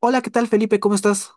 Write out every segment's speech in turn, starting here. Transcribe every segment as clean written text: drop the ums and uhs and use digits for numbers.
Hola, ¿qué tal Felipe? ¿Cómo estás?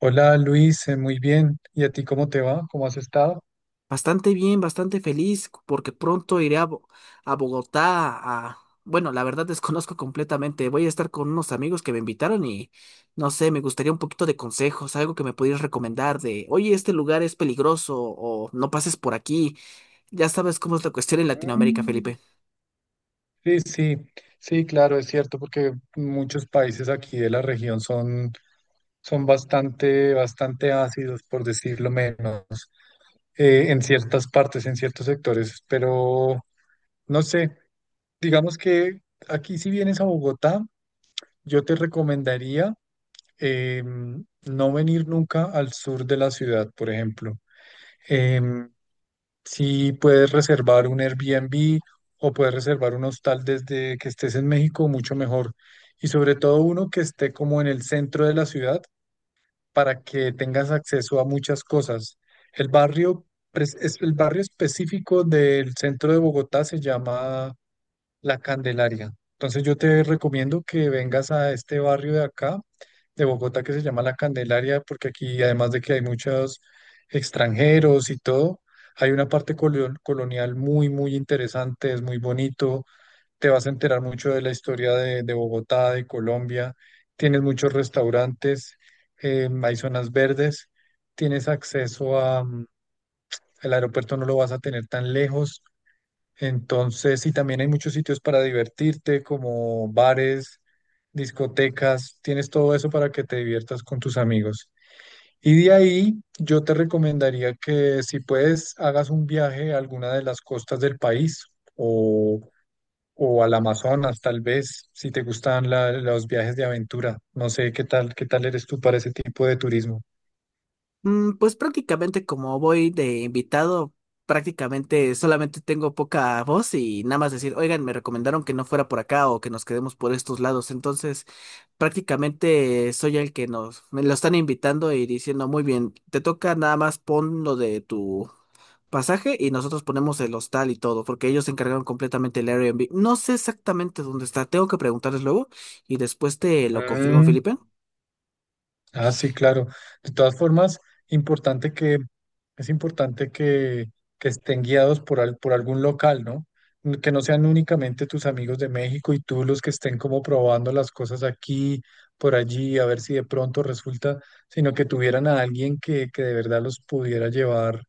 Hola Luis, muy bien. ¿Y a ti cómo te va? ¿Cómo has estado? Bastante bien, bastante feliz porque pronto iré a, a Bogotá a... Bueno, la verdad desconozco completamente. Voy a estar con unos amigos que me invitaron y no sé, me gustaría un poquito de consejos, algo que me pudieras recomendar de, oye, este lugar es peligroso o no pases por aquí. Ya sabes cómo es la cuestión en Latinoamérica, Mm. Felipe. Sí, sí, sí, claro, es cierto, porque muchos países aquí de la región son bastante, bastante ácidos, por decirlo menos, en ciertas partes, en ciertos sectores, pero no sé, digamos que aquí si vienes a Bogotá, yo te recomendaría no venir nunca al sur de la ciudad, por ejemplo. Em, Si puedes reservar un Airbnb o puedes reservar un hostal desde que estés en México, mucho mejor. Y sobre todo uno que esté como en el centro de la ciudad para que tengas acceso a muchas cosas. El barrio, es el barrio específico del centro de Bogotá se llama La Candelaria. Entonces yo te recomiendo que vengas a este barrio de acá, de Bogotá, que se llama La Candelaria, porque aquí, además de que hay muchos extranjeros y todo, hay una parte colonial muy, muy interesante, es muy bonito, te vas a enterar mucho de la historia de Bogotá, de Colombia, tienes muchos restaurantes, hay zonas verdes, tienes acceso a, el aeropuerto no lo vas a tener tan lejos. Entonces, y también hay muchos sitios para divertirte, como bares, discotecas, tienes todo eso para que te diviertas con tus amigos. Y de ahí yo te recomendaría que si puedes hagas un viaje a alguna de las costas del país o, o al Amazonas, tal vez, si te gustan los viajes de aventura. No sé qué tal eres tú para ese tipo de turismo. Mm. Pues prácticamente como voy de invitado, prácticamente solamente tengo poca voz y nada más decir, oigan, me recomendaron que no fuera por acá o que nos quedemos por estos lados. Entonces, prácticamente soy el que nos, me lo están invitando y diciendo, muy bien, te toca nada más pon lo de tu pasaje y nosotros ponemos el hostal y todo, porque ellos se encargaron completamente el Airbnb. No sé exactamente dónde está, tengo que preguntarles luego y después te lo confirmo, Mm. Felipe. Ah, sí, claro. De todas formas, importante que, es importante que estén guiados por, por algún local, ¿no? Que no sean únicamente tus amigos de México y tú los que estén como probando las cosas aquí, por allí, a ver si de pronto resulta, sino que tuvieran a alguien que de verdad los pudiera llevar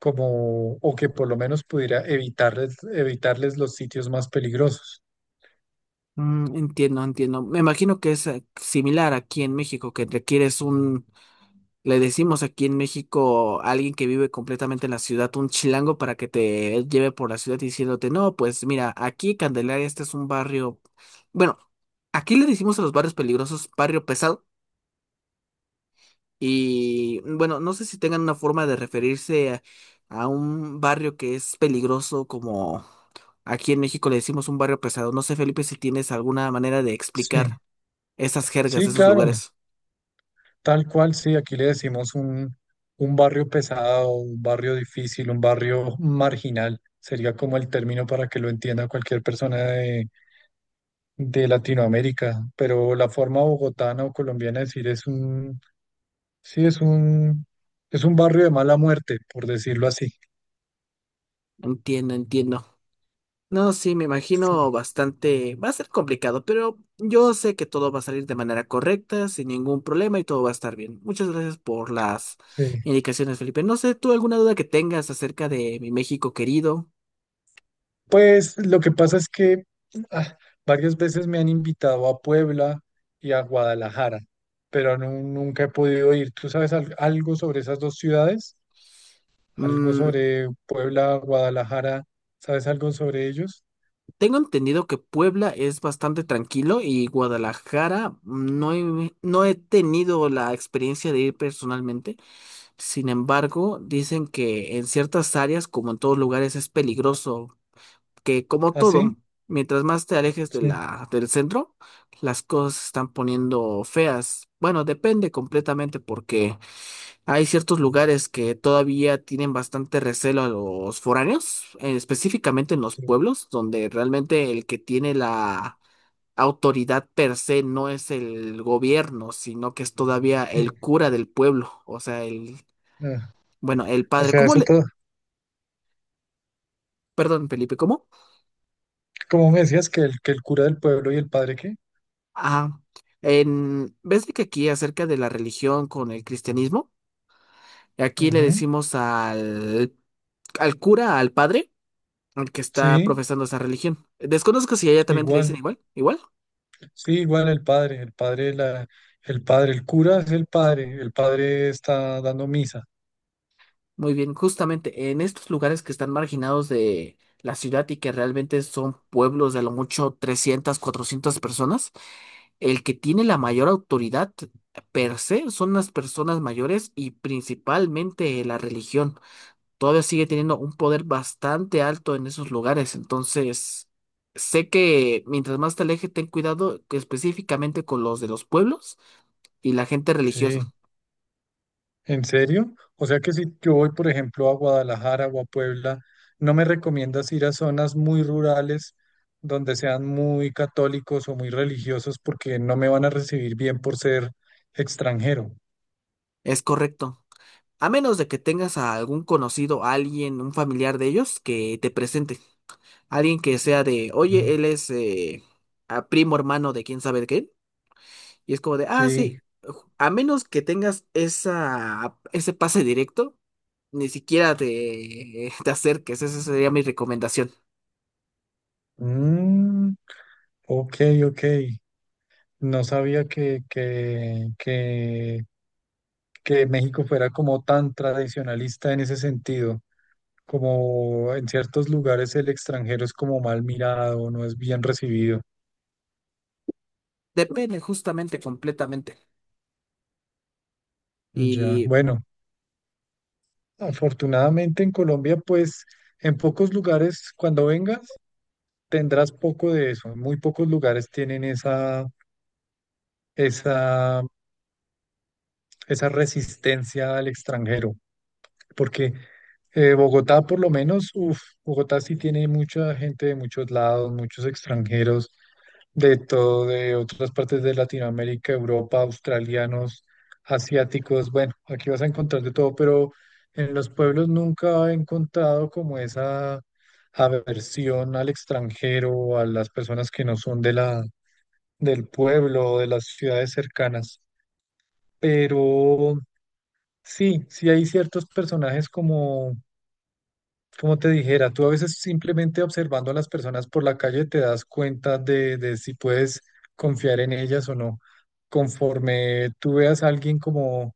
como, o que por lo menos pudiera evitarles los sitios más peligrosos. Mm, entiendo, entiendo. Me imagino que es similar aquí en México, que requieres un, le decimos aquí en México a alguien que vive completamente en la ciudad, un chilango para que te lleve por la ciudad diciéndote, no, pues mira, aquí Candelaria, este es un barrio, bueno, aquí le decimos a los barrios peligrosos barrio pesado y bueno, no sé si tengan una forma de referirse a un barrio que es peligroso como aquí en México le decimos un barrio pesado. No sé, Felipe, si tienes alguna manera de Sí, explicar esas jergas de sí, esos claro. lugares. Tal cual, sí, aquí le decimos un, barrio pesado, un barrio difícil, un barrio marginal. Sería como el término para que lo entienda cualquier persona de Latinoamérica. Pero la forma bogotana o colombiana de decir es un, sí, es un barrio de mala muerte, por decirlo así. Entiendo, entiendo. No, sí, me imagino Sí, bastante. Va a ser complicado, pero yo sé que todo va a salir de manera correcta, sin ningún problema y todo va a estar bien. Muchas gracias por las sí. indicaciones, Felipe. No sé, ¿tú alguna duda que tengas acerca de mi México querido? Pues lo que pasa es que ah, varias veces me han invitado a Puebla y a Guadalajara, pero nunca he podido ir. ¿Tú sabes algo sobre esas dos ciudades? ¿Algo Mm, sobre Puebla, Guadalajara? ¿Sabes algo sobre ellos? tengo entendido que Puebla es bastante tranquilo y Guadalajara mm, no he tenido la experiencia de ir personalmente. Sin embargo, dicen que en ciertas áreas, como en todos lugares, es peligroso, que como ¿Ah, sí? todo, mientras más te alejes de Sí, la, del centro, las cosas se están poniendo feas. Bueno, depende completamente porque hay ciertos lugares que todavía tienen bastante recelo a los foráneos, específicamente en los sí, pueblos, donde realmente el que tiene la autoridad per se no es el gobierno, sino que es todavía el sí. cura del pueblo, o sea, el Ah, bueno, el o padre, sea, ¿cómo eso le... todo. Perdón, Felipe, ¿cómo? ¿Cómo me decías que que el cura del pueblo y el padre qué? Ah, en... ¿Ves de que aquí acerca de la religión con el cristianismo? Aquí le Ujú. decimos al, al cura, al padre, al que está Sí, profesando esa religión. Desconozco si allá también te dicen igual. igual, igual. Sí, igual el padre. El padre, el padre, el cura es el padre. El padre está dando misa. Muy bien, justamente en estos lugares que están marginados de la ciudad y que realmente son pueblos de a lo mucho 300, 400 personas. El que tiene la mayor autoridad per se son las personas mayores y principalmente la religión. Todavía sigue teniendo un poder bastante alto en esos lugares. Entonces, sé que mientras más te alejes, ten cuidado que específicamente con los de los pueblos y la gente religiosa. Sí, ¿en serio? O sea que si yo voy, por ejemplo, a Guadalajara o a Puebla, ¿no me recomiendas ir a zonas muy rurales donde sean muy católicos o muy religiosos porque no me van a recibir bien por ser extranjero? Es correcto. A menos de que tengas a algún conocido, alguien, un familiar de ellos que te presente. Alguien que sea de, oye, Mm. él es a primo hermano de quién sabe qué. Y es como de, ah, Sí. sí, a menos que tengas esa, ese pase directo, ni siquiera te, te acerques. Esa sería mi recomendación. Mm. Ok, ok. No sabía que México fuera como tan tradicionalista en ese sentido. Como en ciertos lugares el extranjero es como mal mirado, no es bien recibido. Depende justamente completamente. Ya, Y bueno, afortunadamente en Colombia, pues en pocos lugares cuando vengas tendrás poco de eso. Muy pocos lugares tienen esa, esa resistencia al extranjero, porque Bogotá por lo menos, uf, Bogotá sí tiene mucha gente de muchos lados, muchos extranjeros. De todo, de otras partes de Latinoamérica, Europa, australianos, asiáticos. Bueno, aquí vas a encontrar de todo, pero en los pueblos nunca he encontrado como esa aversión al extranjero, a las personas que no son del pueblo o de las ciudades cercanas. Pero sí, sí hay ciertos personajes como te dijera, tú a veces simplemente observando a las personas por la calle te das cuenta de si puedes confiar en ellas o no. Conforme tú veas a alguien como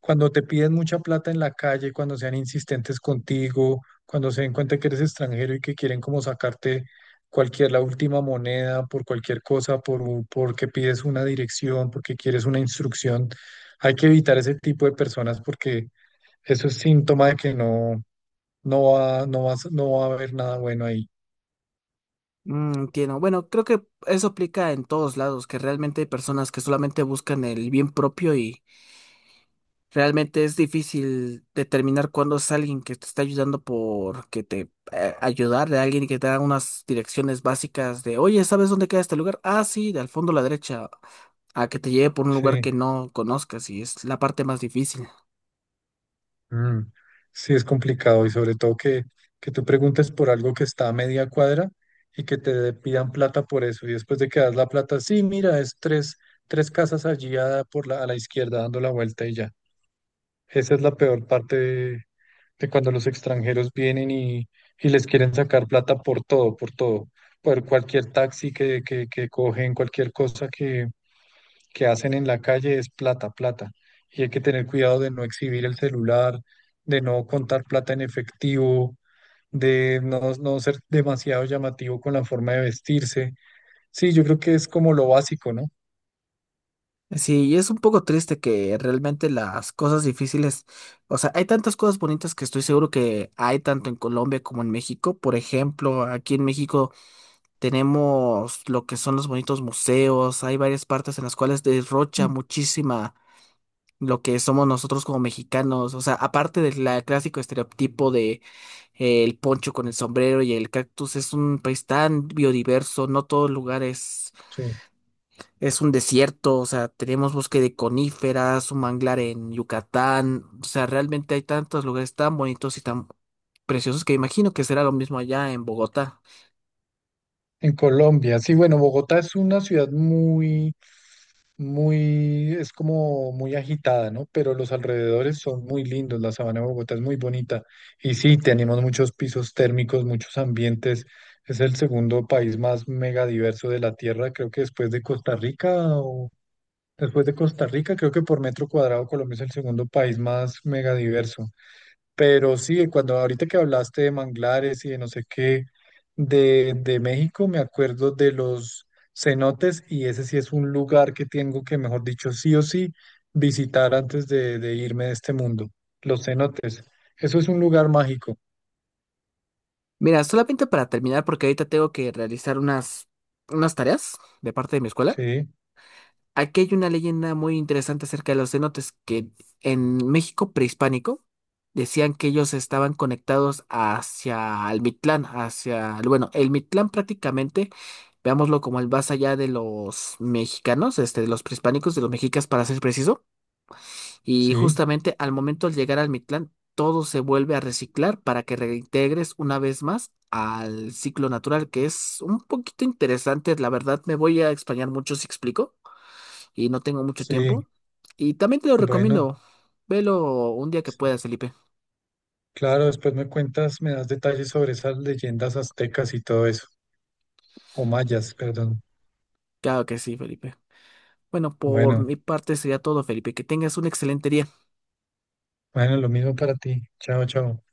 cuando te piden mucha plata en la calle, cuando sean insistentes contigo, cuando se den cuenta que eres extranjero y que quieren como sacarte la última moneda por cualquier cosa, por, porque pides una dirección, porque quieres una instrucción. Hay que evitar ese tipo de personas porque eso es síntoma de que no. No va a haber nada bueno ahí. mm, entiendo. Bueno, creo que eso aplica en todos lados, que realmente hay personas que solamente buscan el bien propio y realmente es difícil determinar cuándo es alguien que te está ayudando porque te ayudar de alguien que te da unas direcciones básicas de, oye, ¿sabes dónde queda este lugar? Ah, sí, de al fondo a la derecha, a que te lleve por un Sí, lugar que no conozcas y es la parte más difícil. mm, sí es complicado y sobre todo que tú preguntes por algo que está a media cuadra y que te pidan plata por eso y después de que das la plata, sí, mira, es tres casas allí a la izquierda dando la vuelta y ya. Esa es la peor parte de cuando los extranjeros vienen y les quieren sacar plata por todo, por todo, por cualquier taxi que cogen, cualquier cosa que hacen en la calle es plata, plata. Y hay que tener cuidado de no exhibir el celular, de no contar plata en efectivo, de no ser demasiado llamativo con la forma de vestirse. Sí, yo creo que es como lo básico, ¿no? Sí, y es un poco triste que realmente las cosas difíciles, o sea, hay tantas cosas bonitas que estoy seguro que hay tanto en Colombia como en México. Por ejemplo, aquí en Ujú. México tenemos lo que son los bonitos museos, hay varias partes en las cuales derrocha muchísima lo que somos nosotros como mexicanos. O sea, aparte del clásico estereotipo de el poncho con el sombrero y el cactus, es un país tan biodiverso, no todo lugar Sí. es un desierto. O sea, tenemos bosque de coníferas, un manglar en Yucatán. O sea, realmente hay tantos lugares tan bonitos y tan preciosos que imagino que será lo mismo allá en Bogotá. En Colombia, sí, bueno, Bogotá es una ciudad muy muy, es como muy agitada, ¿no? Pero los alrededores son muy lindos, la sabana de Bogotá es muy bonita. Y sí, tenemos muchos pisos térmicos, muchos ambientes. Es el segundo país más megadiverso de la Tierra, creo que después de Costa Rica, creo que por metro cuadrado Colombia es el segundo país más megadiverso. Pero sí, cuando ahorita que hablaste de manglares y de no sé qué, de México, me acuerdo de los cenotes y ese sí es un lugar que tengo que, mejor dicho, sí o sí visitar antes de irme de este mundo. Los cenotes. Eso es un lugar mágico. Mira, solamente para terminar, porque ahorita tengo que realizar unas, unas tareas de parte de mi escuela. Sí, Aquí hay una leyenda muy interesante acerca de los cenotes, que en México prehispánico decían que ellos estaban conectados hacia el Mictlán, hacia, bueno, el Mictlán prácticamente, veámoslo como el más allá de los mexicanos, este, de los prehispánicos, de los mexicas para ser preciso, y sí, justamente al momento de llegar al Mictlán, todo se vuelve a reciclar para que reintegres una vez más al ciclo natural, que es un poquito interesante, la verdad me voy a extrañar mucho si explico y no tengo mucho tiempo. sí. Y también te lo Bueno, recomiendo. Velo un día que sí. puedas, Felipe. Claro, después me cuentas, me das detalles sobre esas leyendas aztecas y todo eso, o mayas, perdón. Claro que sí, Felipe. Bueno, por Bueno, mi parte sería todo, Felipe. Que tengas un excelente día. bueno, lo mismo para ti. Chao, chao.